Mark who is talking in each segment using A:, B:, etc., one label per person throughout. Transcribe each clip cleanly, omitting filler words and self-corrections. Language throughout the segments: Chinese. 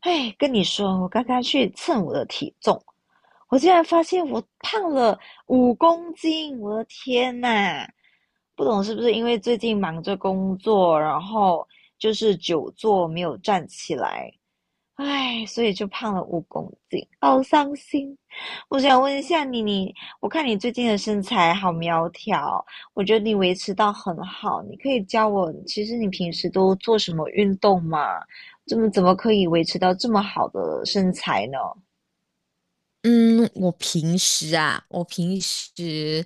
A: 哎，跟你说，我刚刚去称我的体重，我竟然发现我胖了五公斤！我的天呐，不懂是不是因为最近忙着工作，然后就是久坐没有站起来，唉，所以就胖了五公斤，好伤心。我想问一下你，我看你最近的身材好苗条，我觉得你维持到很好。你可以教我，其实你平时都做什么运动吗？怎么可以维持到这么好的身材呢？
B: 嗯，我平时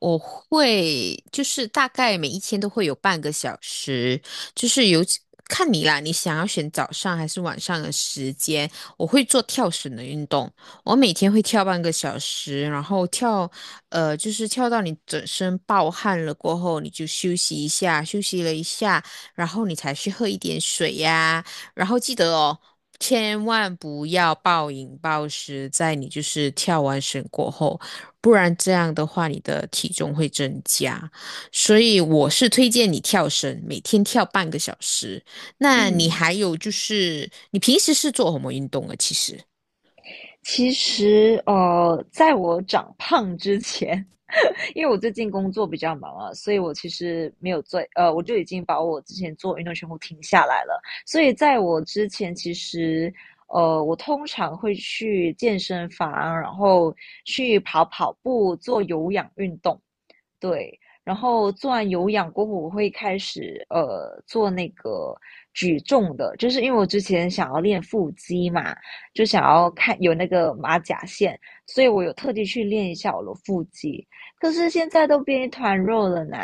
B: 我会就是大概每一天都会有半个小时，就是有几看你啦，你想要选早上还是晚上的时间，我会做跳绳的运动，我每天会跳半个小时，然后跳，就是跳到你整身暴汗了过后，你就休息一下，休息了一下，然后你才去喝一点水呀、然后记得哦，千万不要暴饮暴食，在你就是跳完绳过后，不然这样的话你的体重会增加。所以我是推荐你跳绳，每天跳半个小时。那你
A: 嗯，
B: 还有就是，你平时是做什么运动啊？其实。
A: 其实在我长胖之前，因为我最近工作比较忙啊，所以我其实没有做，我就已经把我之前做运动全部停下来了。所以在我之前，其实我通常会去健身房，然后去跑跑步，做有氧运动。对，然后做完有氧过后，我会开始做那个举重的，就是因为我之前想要练腹肌嘛，就想要看有那个马甲线，所以我有特地去练一下我的腹肌。可是现在都变一团肉了呢。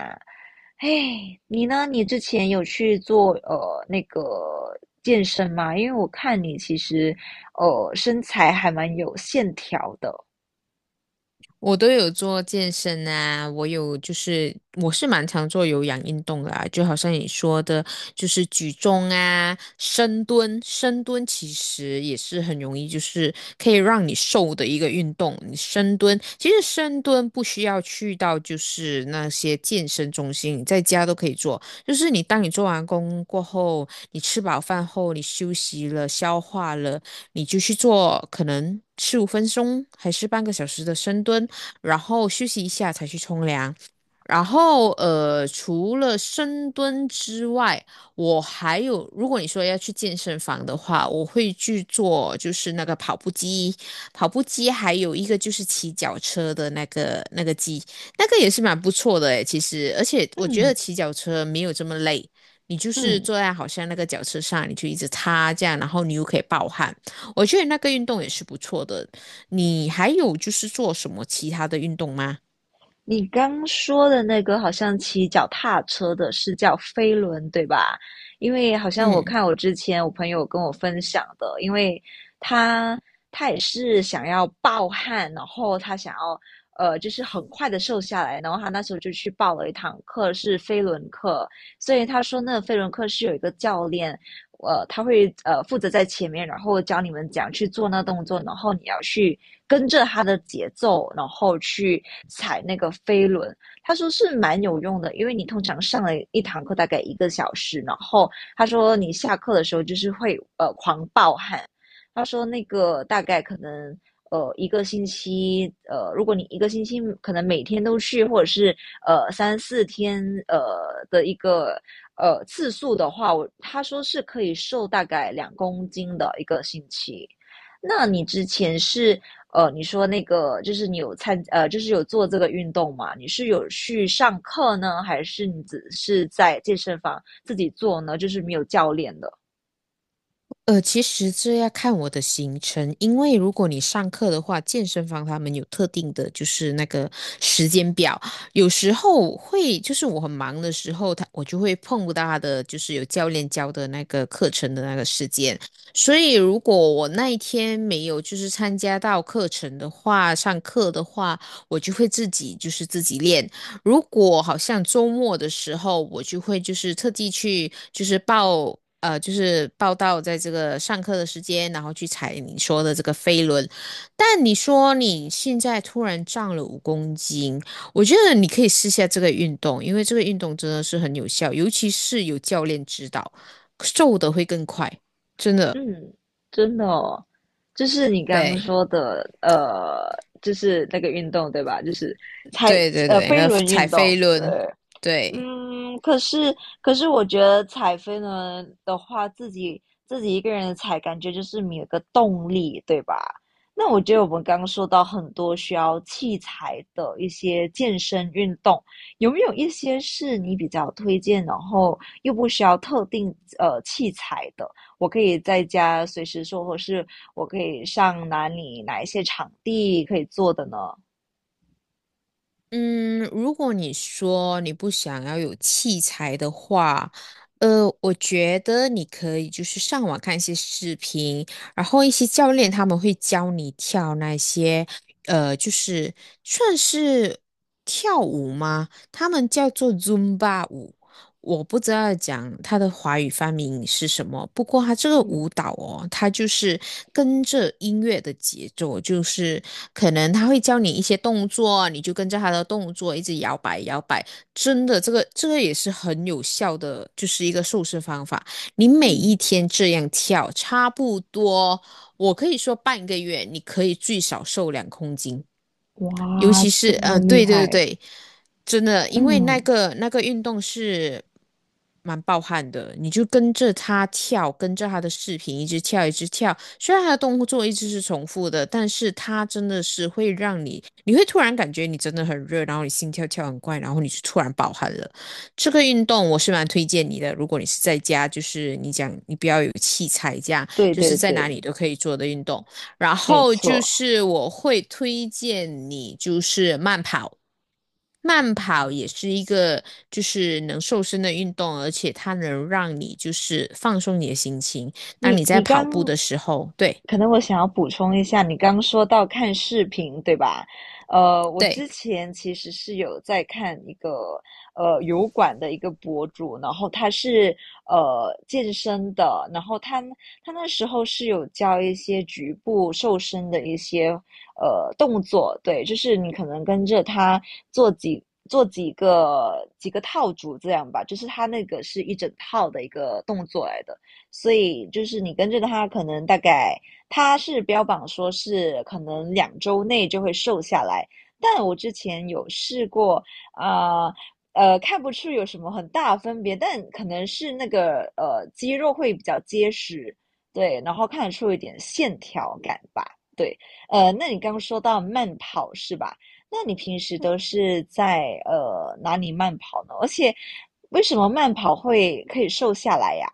A: 嘿，你呢？你之前有去做那个健身吗？因为我看你其实身材还蛮有线条的。
B: 我都有做健身啊，我有就是我是蛮常做有氧运动的啊，就好像你说的，就是举重啊、深蹲，深蹲其实也是很容易，就是可以让你瘦的一个运动。你深蹲其实深蹲不需要去到就是那些健身中心，你在家都可以做。就是你当你做完工过后，你吃饱饭后，你休息了、消化了，你就去做可能15分钟还是半个小时的深蹲。然后休息一下才去冲凉。然后除了深蹲之外，我还有，如果你说要去健身房的话，我会去做就是那个跑步机，跑步机还有一个就是骑脚车的那个机，那个也是蛮不错的诶，其实，而且我觉得
A: 嗯
B: 骑脚车没有这么累。你就是
A: 嗯。
B: 坐在好像那个脚车上，你就一直擦这样，然后你又可以暴汗，我觉得那个运动也是不错的。你还有就是做什么其他的运动吗？
A: 你刚说的那个好像骑脚踏车的是叫飞轮，对吧？因为好像我
B: 嗯，
A: 看我之前我朋友跟我分享的，因为他他也是想要暴汗，然后他想要就是很快的瘦下来，然后他那时候就去报了一堂课是飞轮课，所以他说那个飞轮课是有一个教练，他会负责在前面，然后教你们怎样去做那动作，然后你要去跟着他的节奏，然后去踩那个飞轮。他说是蛮有用的，因为你通常上了一堂课大概一个小时，然后他说你下课的时候就是会狂暴汗，他说那个大概可能一个星期，如果你一个星期可能每天都去，或者是3、4天呃的一个次数的话，我他说是可以瘦大概2公斤的一个星期。那你之前是你说那个就是你有就是有做这个运动嘛？你是有去上课呢，还是你只是在健身房自己做呢？就是没有教练的？
B: 其实这要看我的行程，因为如果你上课的话，健身房他们有特定的，就是那个时间表，有时候会就是我很忙的时候，他我就会碰不到他的，就是有教练教的那个课程的那个时间，所以如果我那一天没有就是参加到课程的话，上课的话，我就会自己就是自己练。如果好像周末的时候，我就会就是特地去就是报就是报到在这个上课的时间，然后去踩你说的这个飞轮。但你说你现在突然涨了5公斤，我觉得你可以试下这个运动，因为这个运动真的是很有效，尤其是有教练指导，瘦的会更快，真的。
A: 嗯，真的哦，就是你刚刚
B: 对，
A: 说的，就是那个运动对吧？就是
B: 对对对，那
A: 飞
B: 个
A: 轮
B: 踩
A: 运
B: 飞
A: 动，对，
B: 轮，对。
A: 嗯，可是我觉得踩飞轮的话，自己一个人踩，感觉就是没有个动力，对吧？那我觉得我们刚刚说到很多需要器材的一些健身运动，有没有一些是你比较推荐，然后又不需要特定器材的？我可以在家随时做，或是我可以上哪里哪一些场地可以做的呢？
B: 嗯，如果你说你不想要有器材的话，我觉得你可以就是上网看一些视频，然后一些教练他们会教你跳那些，就是算是跳舞吗？他们叫做 Zumba 舞。我不知道讲他的华语发明是什么，不过他这个
A: 嗯
B: 舞蹈哦，他就是跟着音乐的节奏，就是可能他会教你一些动作，你就跟着他的动作一直摇摆摇摆。真的，这个也是很有效的，就是一个瘦身方法。你每一
A: 嗯，
B: 天这样跳，差不多，我可以说半个月，你可以最少瘦2公斤。尤
A: 哇，
B: 其是
A: 这么厉
B: 对对
A: 害！
B: 对，真的，因为那
A: 嗯。
B: 个那个运动是蛮暴汗的，你就跟着他跳，跟着他的视频一直跳，一直跳。虽然他的动作一直是重复的，但是他真的是会让你，你会突然感觉你真的很热，然后你心跳跳很快，然后你就突然暴汗了。这个运动我是蛮推荐你的，如果你是在家，就是你讲你不要有器材这样，
A: 对
B: 就
A: 对
B: 是在哪
A: 对，
B: 里都可以做的运动。然
A: 没
B: 后就
A: 错。
B: 是我会推荐你就是慢跑，慢跑也是一个就是能瘦身的运动，而且它能让你就是放松你的心情。当
A: 你
B: 你在
A: 你
B: 跑步
A: 刚
B: 的时候，对
A: 可能我想要补充一下，你刚说到看视频，对吧？我
B: 对。
A: 之前其实是有在看一个油管的一个博主，然后他是健身的，然后他那时候是有教一些局部瘦身的一些动作，对，就是你可能跟着他做几。做几个几个套组这样吧，就是他那个是一整套的一个动作来的，所以就是你跟着他可能大概他是标榜说是可能2周内就会瘦下来，但我之前有试过，啊、看不出有什么很大的分别，但可能是那个肌肉会比较结实，对，然后看得出一点线条感吧，对，那你刚刚说到慢跑是吧？那你平时都是在哪里慢跑呢？而且为什么慢跑会可以瘦下来呀？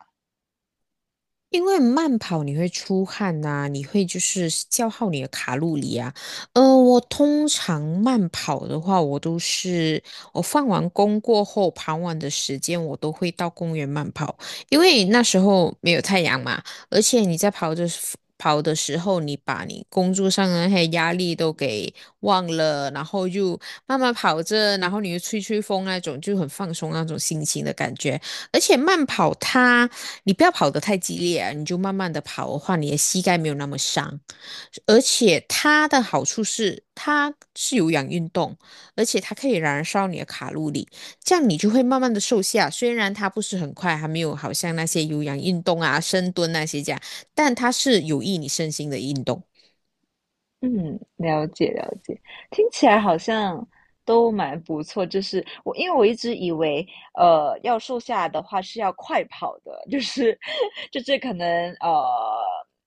B: 因为慢跑你会出汗呐、你会就是消耗你的卡路里啊。我通常慢跑的话，我都是我放完工过后，傍晚的时间我都会到公园慢跑，因为那时候没有太阳嘛，而且你在跑的时候，你把你工作上的那些压力都给忘了，然后就慢慢跑着，然后你又吹吹风那种，就很放松那种心情的感觉。而且慢跑它，你不要跑得太激烈啊，你就慢慢的跑的话，你的膝盖没有那么伤。而且它的好处是，它是有氧运动，而且它可以燃烧你的卡路里，这样你就会慢慢的瘦下。虽然它不是很快，还没有好像那些有氧运动啊、深蹲那些这样，但它是有益你身心的运动。
A: 嗯，了解了解，听起来好像都蛮不错。就是我，因为我一直以为，要瘦下来的话是要快跑的，就是 就是可能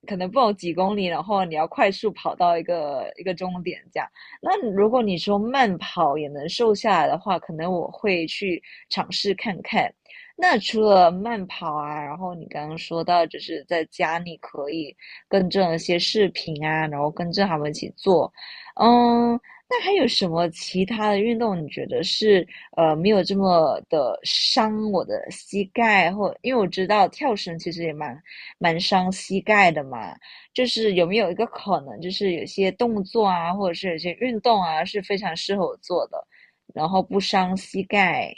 A: 可能不懂几公里，然后你要快速跑到一个一个终点这样。那如果你说慢跑也能瘦下来的话，可能我会去尝试看看。那除了慢跑啊，然后你刚刚说到，就是在家你可以。跟正一些视频啊，然后跟着他们一起做。嗯，那还有什么其他的运动？你觉得是没有这么的伤我的膝盖，或因为我知道跳绳其实也蛮伤膝盖的嘛。就是有没有一个可能，就是有些动作啊，或者是有些运动啊，是非常适合我做的，然后不伤膝盖。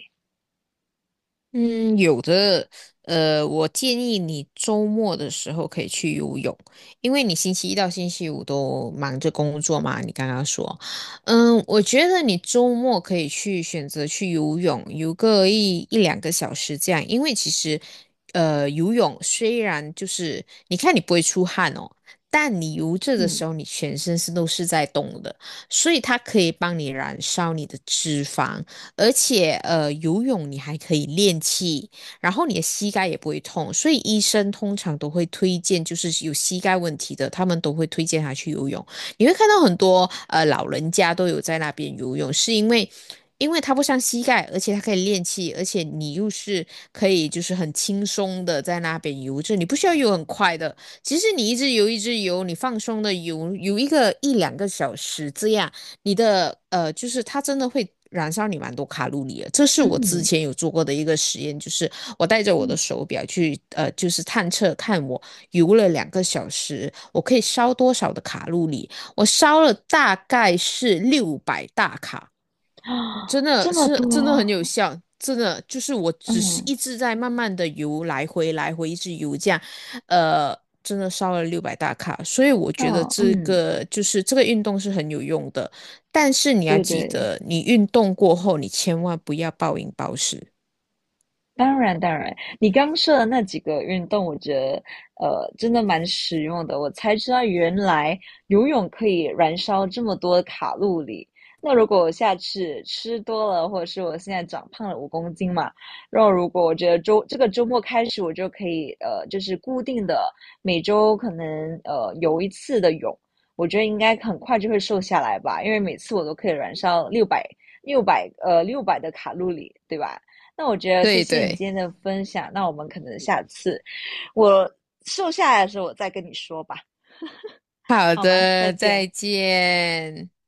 B: 嗯，有的，我建议你周末的时候可以去游泳，因为你星期一到星期五都忙着工作嘛，你刚刚说，嗯，我觉得你周末可以去选择去游泳，游个一两个小时这样，因为其实，游泳虽然就是你看你不会出汗哦，但你游着的
A: 嗯，
B: 时候，你全身是都是在动的，所以它可以帮你燃烧你的脂肪。而且游泳你还可以练气，然后你的膝盖也不会痛，所以医生通常都会推荐，就是有膝盖问题的，他们都会推荐他去游泳。你会看到很多老人家都有在那边游泳，是因为。因为他不伤膝盖，而且他可以练气，而且你又是可以就是很轻松的在那边游着，就你不需要游很快的，其实你一直游一直游，你放松的游游一个一两个小时这样，你的就是它真的会燃烧你蛮多卡路里的。这是我之
A: 嗯
B: 前有做过的一个实验，就是我带着我的
A: 嗯
B: 手表去就是探测看我游了两个小时，我可以烧多少的卡路里。我烧了大概是六百大卡真
A: 啊，
B: 的
A: 这么
B: 是
A: 多，
B: 真的很有效，真的就是我只是
A: 嗯
B: 一直在慢慢的游来回来回一直游这样，呃，真的烧了六百大卡，所以我觉得
A: 嗯
B: 这
A: 嗯，
B: 个就是这个运动是很有用的，但是你要
A: 对
B: 记
A: 对，
B: 得，你运动过后你千万不要暴饮暴食。
A: 当然，当然，你刚说的那几个运动，我觉得真的蛮实用的。我才知道原来游泳可以燃烧这么多卡路里。那如果我下次吃多了，或者是我现在长胖了五公斤嘛，然后如果我觉得这个周末开始，我就可以就是固定的每周可能游一次的泳，我觉得应该很快就会瘦下来吧，因为每次我都可以燃烧六百的卡路里，对吧？那我觉得谢
B: 对
A: 谢你
B: 对，
A: 今天的分享，那我们可能下次我瘦下来的时候我再跟你说吧，
B: 好
A: 好吗？再
B: 的，再
A: 见。
B: 见。